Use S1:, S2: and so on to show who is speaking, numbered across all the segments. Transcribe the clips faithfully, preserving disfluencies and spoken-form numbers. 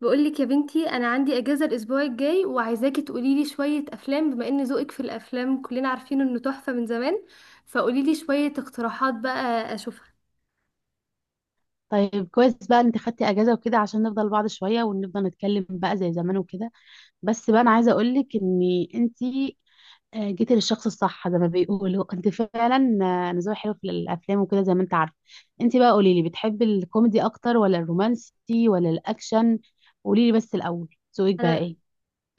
S1: بقولك يا بنتي، انا عندي اجازه الاسبوع الجاي وعايزاكي تقولي لي شويه افلام، بما ان ذوقك في الافلام كلنا عارفين انه تحفه من زمان. فقولي لي شويه اقتراحات بقى اشوفها.
S2: طيب كويس بقى إن انت خدتي اجازه وكده عشان نفضل بعض شويه ونفضل نتكلم بقى زي زمان وكده. بس بقى انا عايزه اقول لك ان انت آه، جيتي للشخص الصح زي ما بيقولوا انت فعلا. آه، انا ذوقي حلو في الافلام وكده زي ما انت عارفه. انت بقى قولي لي، بتحبي الكوميدي اكتر ولا الرومانسي ولا الاكشن؟ قولي لي بس الاول، ذوقك بقى
S1: انا
S2: ايه؟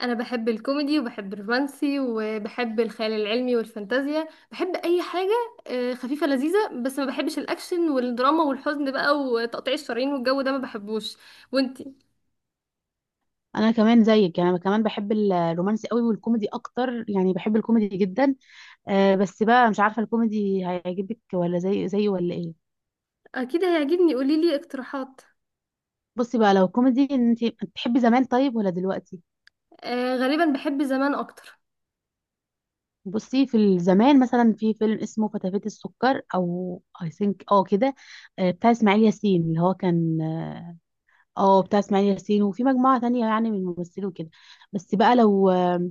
S1: انا بحب الكوميدي وبحب الرومانسي وبحب الخيال العلمي والفانتازيا، بحب اي حاجه آه، خفيفه لذيذه. بس ما بحبش الاكشن والدراما والحزن بقى وتقطيع الشرايين والجو ده ما بحبوش. وانتي؟
S2: انا كمان زيك، يعني انا كمان بحب الرومانسي قوي والكوميدي اكتر، يعني بحب الكوميدي جدا. آه، بس بقى مش عارفه الكوميدي هيعجبك ولا زي زي ولا ايه؟
S1: اكيد هيعجبني، قولي لي اقتراحات.
S2: بصي بقى، لو كوميدي انت بتحبي زمان طيب ولا دلوقتي؟
S1: آه، غالبا بحب زمان اكتر.
S2: بصي، في الزمان مثلا في فيلم اسمه فتافيت السكر او اي ثينك اه كده. آه، بتاع اسماعيل ياسين اللي هو كان، اه بتاع اسماعيل ياسين، وفي مجموعة تانية يعني من الممثلين وكده. بس بقى لو آه،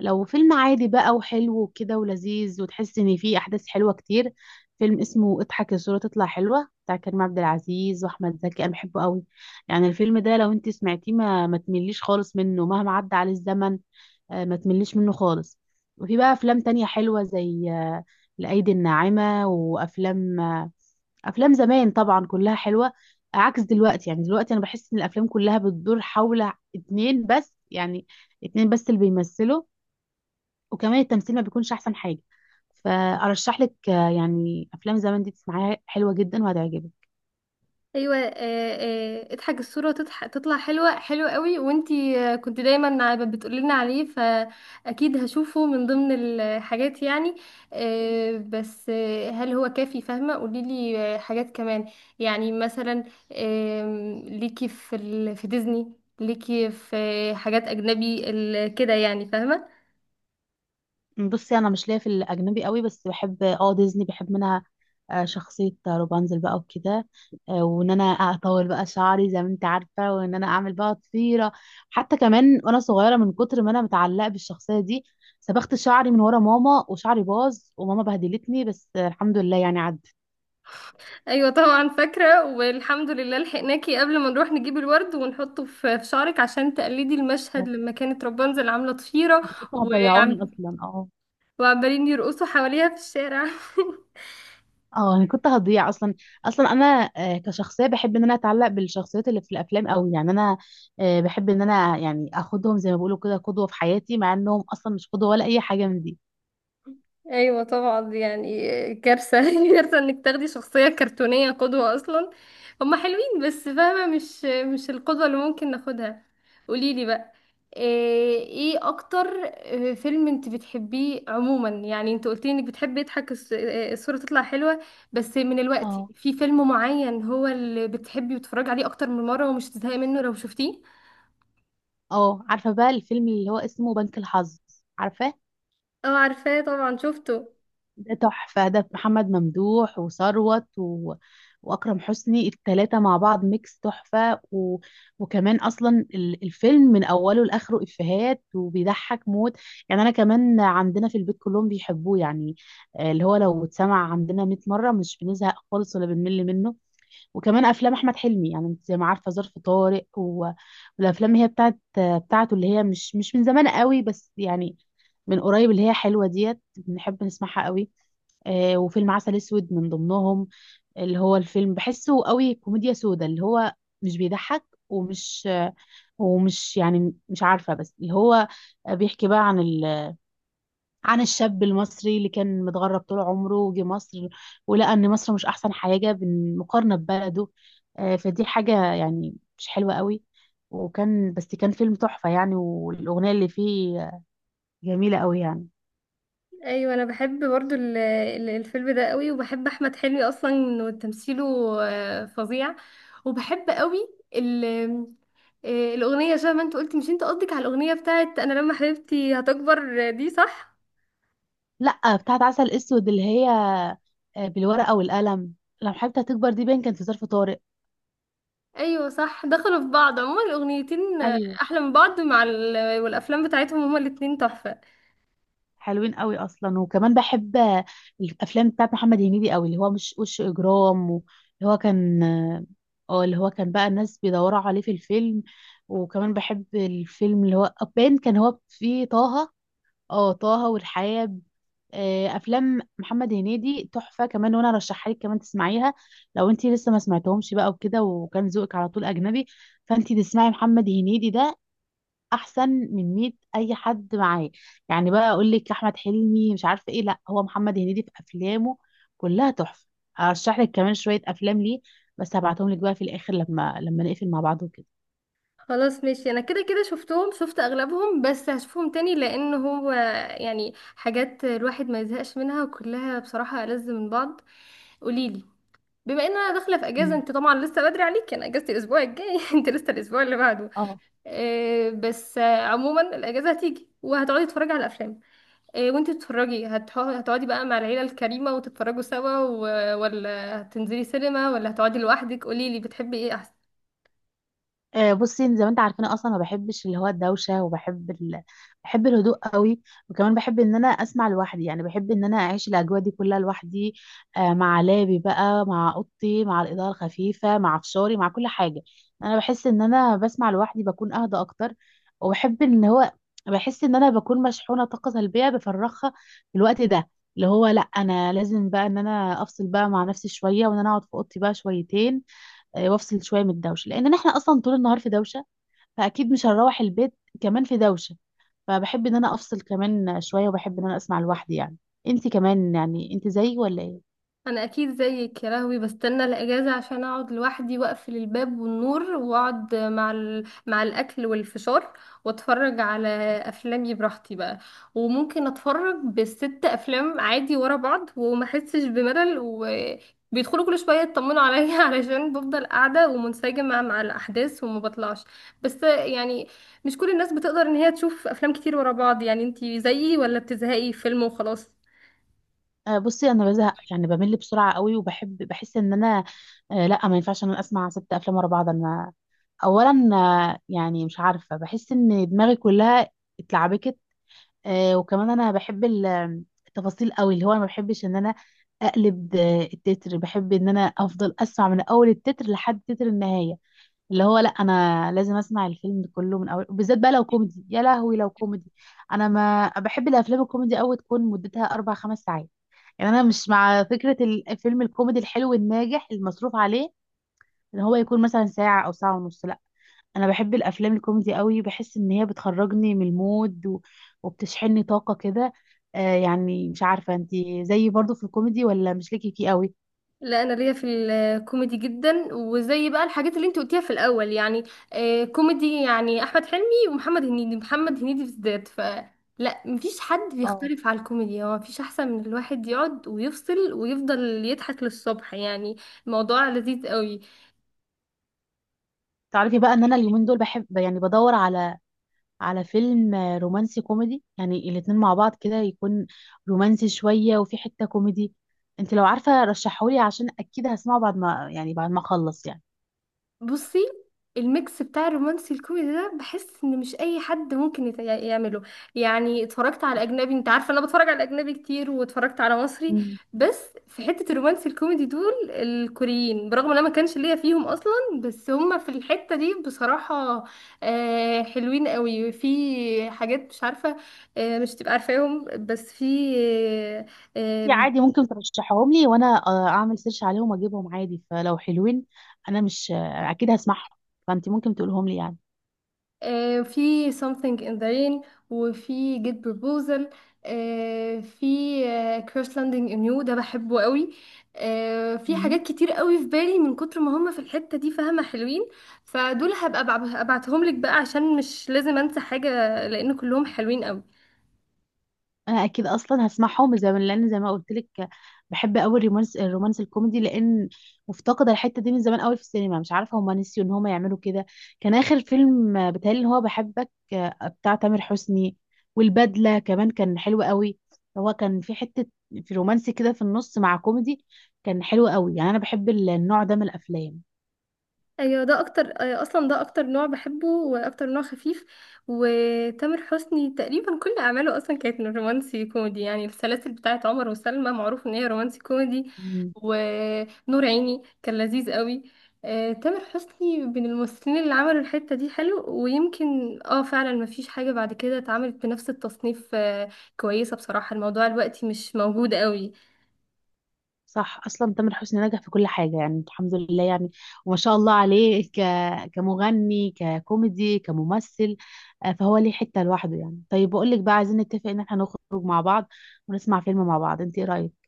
S2: لو فيلم عادي بقى وحلو وكده ولذيذ، وتحس ان فيه احداث حلوة كتير. فيلم اسمه اضحك الصورة تطلع حلوة، بتاع كريم عبد العزيز واحمد زكي، انا بحبه قوي. يعني الفيلم ده لو انت سمعتيه ما ما تمليش خالص منه مهما عدى عليه الزمن. آه، ما تمليش منه خالص. وفي بقى افلام تانية حلوة زي آه، الايدي الناعمة، وافلام آه، افلام زمان طبعا كلها حلوة، عكس دلوقتي. يعني دلوقتي انا بحس ان الافلام كلها بتدور حول اتنين بس، يعني اتنين بس اللي بيمثلوا، وكمان التمثيل ما بيكونش احسن حاجة. فارشح لك، آه، يعني افلام زمان دي تسمعيها حلوة جدا وهتعجبك.
S1: ايوه، آه، آه، اضحك الصوره تضح... تطلع حلوه، حلوه قوي. وانتي آه، كنت دايما عب- بتقولي لنا عليه، فاكيد هشوفه من ضمن الحاجات يعني. آه، بس آه، هل هو كافي؟ فاهمه، قولي لي آه، حاجات كمان. يعني مثلا، آم، ليكي في ال... في ديزني؟ ليكي في آه، حاجات اجنبي ال... كده، يعني فاهمه.
S2: بصي، انا مش ليا في الاجنبي قوي، بس بحب اه ديزني، بحب منها آه، شخصيه روبانزل بقى وكده. آه، وان انا اطول بقى شعري زي ما انت عارفه، وان انا اعمل بقى ضفيره. حتى كمان وانا صغيره من كتر ما انا متعلقه بالشخصيه دي، سبخت شعري من ورا ماما وشعري باظ وماما بهدلتني، بس آه، الحمد لله يعني عدت.
S1: ايوه طبعا فاكره، والحمد لله لحقناكي قبل ما نروح نجيب الورد ونحطه في في شعرك عشان تقلدي المشهد
S2: آه،
S1: لما كانت رابنزل عامله طفيره.
S2: انتوا كنتوا هتضيعوني
S1: وعم...
S2: اصلا اه.
S1: وعمالين يرقصوا حواليها في الشارع
S2: اه، انا كنت هضيع اصلا. اصلا انا آه، كشخصيه بحب ان انا اتعلق بالشخصيات اللي في الافلام قوي، يعني انا آه، بحب ان انا يعني اخدهم زي ما بيقولوا كده قدوه في حياتي، مع انهم اصلا مش قدوه ولا اي حاجه من دي.
S1: ايوه طبعا، دي يعني كارثه كارثه انك تاخدي شخصيه كرتونيه قدوه اصلا. هما حلوين بس فاهمه، مش مش القدوه اللي ممكن ناخدها. قوليلي بقى، ايه إيه اكتر آه، فيلم انت بتحبيه عموما؟ يعني انت قلتي انك بتحبي يضحك الص- آه، الصوره تطلع حلوه، بس من الوقت
S2: اه،
S1: في فيلم معين هو اللي بتحبي وتتفرجي عليه اكتر من مره ومش تزهقي منه لو شفتيه؟
S2: اه، عارفه بقى الفيلم اللي هو اسمه بنك الحظ؟ عارفاه؟
S1: اه عارفاه طبعا، شفته.
S2: ده تحفة. ده محمد ممدوح وثروت و... وأكرم حسني، التلاتة مع بعض ميكس تحفة، و... وكمان أصلا ال- الفيلم من أوله لآخره إفيهات وبيضحك موت. يعني أنا كمان عندنا في البيت كلهم بيحبوه يعني. آه، اللي هو لو اتسمع عندنا مية مرة مش بنزهق خالص ولا بنمل منه. وكمان أفلام أحمد حلمي، يعني أنت زي ما عارفة ظرف طارق، و... والأفلام هي بتاعت بتاعته اللي هي مش مش من زمان قوي بس يعني من قريب، اللي هي حلوة ديت بنحب نسمعها قوي. آه، وفيلم عسل اسود من ضمنهم، اللي هو الفيلم بحسه قوي كوميديا سودا، اللي هو مش بيضحك، ومش آه، ومش يعني مش عارفة، بس اللي هو بيحكي بقى عن ال عن الشاب المصري اللي كان متغرب طول عمره وجه مصر، ولقى ان مصر مش احسن حاجة بالمقارنة ببلده. آه، فدي حاجة يعني مش حلوة قوي. وكان، بس كان فيلم تحفة يعني، والأغنية اللي فيه جميلة قوي يعني.
S1: ايوه، انا بحب برضو ال- ال- الفيلم ده قوي، وبحب احمد حلمي اصلا، انه تمثيله آه، فظيع. وبحب قوي ال- آه، الاغنيه زي ما انت قلت. مش انت قصدك على الاغنيه بتاعت انا لما حبيبتي هتكبر دي، صح؟
S2: لا، بتاعت عسل اسود اللي هي آه، بالورقه والقلم، لو حبيت هتكبر دي باين كان في ظرف طارق.
S1: ايوه صح، دخلوا في بعض عموما الاغنيتين آه،
S2: ايوه،
S1: احلى من بعض، مع ال- والافلام بتاعتهم، هما الاتنين تحفه.
S2: حلوين قوي اصلا. وكمان بحب آه، الافلام بتاعت محمد هنيدي قوي، اللي هو مش وش اجرام، و- اللي هو كان، اه آه، اللي هو كان بقى الناس بيدوروا عليه في الفيلم. وكمان بحب الفيلم اللي هو باين كان هو فيه طه، اه طه والحياة. آه، افلام محمد هنيدي تحفه كمان، وانا ارشحها لك كمان تسمعيها لو انت لسه ما سمعتهمش بقى وكده، وكان ذوقك على طول اجنبي، فانت تسمعي محمد هنيدي ده احسن من مية اي حد معاه. يعني بقى اقول لك احمد حلمي مش عارفه ايه، لا، هو محمد هنيدي في افلامه كلها تحفه. ارشح لك كمان شويه افلام ليه، بس هبعتهم لك بقى في الاخر لما لما نقفل مع بعض وكده.
S1: خلاص ماشي، انا كده كده شفتهم، شفت اغلبهم بس هشوفهم تاني، لان هو يعني حاجات الواحد ما يزهقش منها، وكلها بصراحة ألذ من بعض. قوليلي، بما ان انا داخلة في اجازة،
S2: مم.
S1: انت طبعا لسه بدري عليك، انا اجازتي الاسبوع الجاي انت لسه الاسبوع اللي بعده.
S2: اه.
S1: آه، بس آه، عموما الاجازة هتيجي وهتقعدي تتفرجي على الافلام. آه، وانت بتتفرجي، هتح- هتقعدي بقى مع العيلة الكريمة وتتفرجوا سوا، و- ولا هتنزلي سينما ولا هتقعدي لوحدك؟ قوليلي بتحبي ايه.
S2: آه، بصي زي ما انت عارفين اصلا ما بحبش اللي هو الدوشه، وبحب ال... بحب الهدوء قوي. وكمان بحب ان انا اسمع لوحدي، يعني بحب ان انا اعيش الاجواء دي كلها لوحدي. آه، مع لابي بقى، مع اوضتي، مع الاضاءه الخفيفه، مع فشاري، مع كل حاجه. انا بحس ان انا بسمع لوحدي بكون اهدى اكتر، وبحب ان هو بحس ان انا بكون مشحونه طاقه سلبيه بفرغها في الوقت ده، اللي هو لا، انا لازم بقى ان انا افصل بقى مع نفسي شويه، وان انا اقعد في اوضتي بقى شويتين. آه، وافصل شويه من الدوشه لان احنا اصلا طول النهار في دوشه، فاكيد مش هنروح البيت كمان في دوشه، فبحب ان انا افصل كمان شويه، وبحب ان انا اسمع لوحدي يعني. انت كمان يعني انت زيي ولا ايه؟
S1: انا اكيد زيك يا لهوي، بستنى الاجازه عشان اقعد لوحدي واقفل الباب والنور واقعد مع ال... مع الاكل والفشار واتفرج على افلامي براحتي بقى. وممكن اتفرج بالست افلام عادي ورا بعض وما احسش بملل، وبيدخلوا كل شويه يطمنوا عليا علشان بفضل قاعده ومنسجمه مع الاحداث وما بطلعش. بس يعني مش كل الناس بتقدر ان هي تشوف افلام كتير ورا بعض. يعني انتي زيي ولا بتزهقي فيلم وخلاص؟
S2: آه، بصي انا بزهق، يعني بمل بسرعه قوي، وبحب بحس ان انا آه، لا، ما ينفعش ان انا اسمع ست افلام ورا بعض. انا اولا آه، يعني مش عارفه، بحس ان دماغي كلها اتلعبكت. آه، وكمان انا بحب ال- التفاصيل قوي، اللي هو انا ما بحبش ان انا اقلب آه، التتر، بحب ان انا افضل اسمع من اول التتر لحد تتر النهايه، اللي هو لا، انا لازم اسمع الفيلم كله من اول، بالذات بقى لو كوميدي، يا لهوي لو كوميدي. انا ما بحب الافلام الكوميدي قوي تكون مدتها اربع خمس ساعات، يعني انا مش مع فكره الفيلم الكوميدي الحلو الناجح المصروف عليه ان هو يكون مثلا ساعه او ساعه ونص لا. انا بحب الافلام الكوميدي قوي، بحس ان هي بتخرجني من المود، و... وبتشحنني طاقة كده. آه، يعني مش عارفة انتي زيي برضو في الكوميدي ولا مش ليكي فيه قوي؟
S1: لا انا ليا في الكوميدي جدا، وزي بقى الحاجات اللي انت قلتيها في الاول يعني. آه كوميدي، يعني احمد حلمي ومحمد هنيدي، محمد هنيدي بالذات. ف لا مفيش حد
S2: اه،
S1: بيختلف على الكوميديا، هو مفيش احسن من الواحد يقعد ويفصل ويفضل يضحك للصبح يعني. الموضوع لذيذ قوي.
S2: تعرفي بقى ان انا اليومين دول بحب يعني بدور على على فيلم آه، رومانسي كوميدي، يعني الاتنين مع بعض كده، يكون رومانسي شوية وفي حتة كوميدي. انت لو عارفة رشحولي عشان اكيد هسمعه بعد ما يعني بعد ما اخلص.
S1: بصي، الميكس بتاع الرومانسي الكوميدي ده بحس ان مش اي حد ممكن يت- يعمله. يعني اتفرجت على اجنبي، انت عارفه انا بتفرج على اجنبي كتير، واتفرجت على مصري.
S2: يعني
S1: بس في حته الرومانسي الكوميدي دول الكوريين، برغم ان انا ما كانش ليا فيهم اصلا، بس هم في الحته دي بصراحه آه، حلوين قوي في حاجات. مش عارفه آه، مش تبقى عارفاهم، بس في
S2: انتي عادي ممكن ترشحهم لي، وانا آه، اعمل سيرش عليهم واجيبهم عادي، فلو حلوين انا مش آه، اكيد هسمعهم، فانتي ممكن تقولهم لي.
S1: آه، في something in the rain، وفي get proposal. آه، في آه، crash landing in you، ده بحبه قوي. آه، في
S2: يعني
S1: حاجات كتير قوي في بالي من كتر ما هم في الحتة دي، فاهمة حلوين. فدول هبقى أبع- ابعتهم لك بقى، عشان مش لازم انسى حاجة، لان كلهم حلوين قوي.
S2: انا اكيد اصلا هسمعهم، زي ما لان زي ما قلت لك بحب قوي الرومانس الرومانس الكوميدي، لان مفتقده الحته دي من زمان قوي في السينما، مش عارفه هما نسيوا ان هما يعملوا كده. كان اخر فيلم آه، بيتهيألي اللي هو بحبك، آه، بتاع تامر حسني، والبدله كمان كان حلو قوي. هو كان في حته، في رومانسي كده في النص مع كوميدي، كان حلو قوي يعني، انا بحب ال- النوع ده من الافلام.
S1: ايوه، ده اكتر آه، اصلا ده اكتر نوع بحبه واكتر نوع خفيف. وتامر حسني تقريبا كل اعماله اصلا كانت رومانسي كوميدي، يعني السلاسل بتاعت عمر وسلمى معروف ان هي رومانسي كوميدي، ونور عيني كان لذيذ قوي. آه، تامر حسني من الممثلين اللي عملوا الحتة دي حلو، ويمكن اه فعلا مفيش حاجة بعد كده اتعملت بنفس التصنيف آه، كويسة بصراحة. الموضوع دلوقتي مش موجود قوي.
S2: صح، اصلا تامر حسني نجح في كل حاجه، يعني الحمد لله يعني، وما شاء الله عليه، ك... كمغني، ككوميدي، كممثل. آه، فهو ليه حته لوحده يعني. طيب بقول لك بقى، عايزين نتفق ان احنا نخرج مع بعض ونسمع فيلم مع بعض، انت ايه رايك؟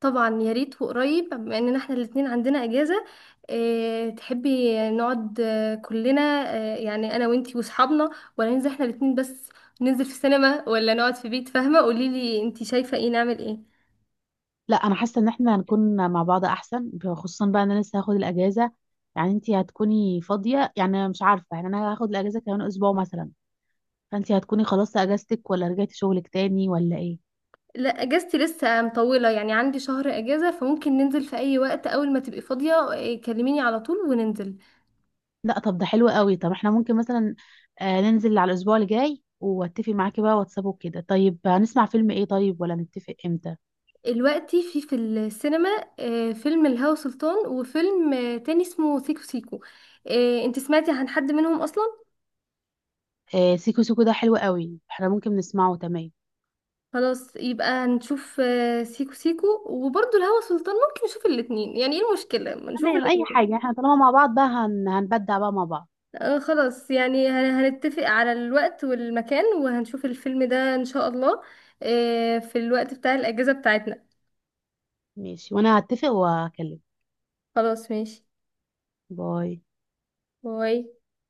S1: طبعا يا ريت، وقريب بما اننا احنا الاتنين عندنا اجازة. اه تحبي نقعد آه، كلنا، اه يعني انا وانتي واصحابنا، ولا ننزل احنا الاتنين بس؟ ننزل في السينما ولا نقعد في بيت فاهمة؟ قوليلي انتي شايفة ايه، نعمل ايه.
S2: لا، انا حاسه ان احنا هنكون مع بعض احسن، خصوصا بقى ان انا لسه هاخد الاجازه، يعني انت هتكوني فاضيه يعني مش عارفه، يعني انا هاخد الاجازه كمان اسبوع مثلا، فانت هتكوني خلصتي اجازتك ولا رجعتي شغلك تاني ولا ايه؟
S1: لا اجازتي لسه مطولة، يعني عندي شهر اجازة، فممكن ننزل في اي وقت. اول ما تبقي فاضية آه، كلميني على طول وننزل.
S2: لا، طب ده حلو قوي، طب احنا ممكن مثلا آه ننزل على الاسبوع الجاي، واتفق معاكي بقى واتساب وكده. طيب هنسمع فيلم ايه؟ طيب ولا نتفق امتى؟
S1: دلوقتي في في السينما آه، فيلم الهوى سلطان، وفيلم آه، تاني اسمه سيكو سيكو. آه، انتي سمعتي عن حد منهم اصلا؟
S2: آه، سيكو سيكو ده حلو قوي، احنا ممكن نسمعه، تمام.
S1: خلاص، يبقى هنشوف آه، سيكو سيكو، وبرضه الهوى سلطان ممكن نشوف الاتنين، يعني ايه المشكلة ما نشوف
S2: تمام، اي
S1: الاتنين.
S2: حاجة، احنا طالما مع بعض بقى هن... هنبدع بقى مع بعض.
S1: آه خلاص، يعني هن- هنتفق على الوقت والمكان وهنشوف الفيلم ده ان شاء الله آه في الوقت بتاع الاجازة بتاعتنا.
S2: ماشي، وانا هتفق واكلمك.
S1: خلاص ماشي،
S2: باي.
S1: باي.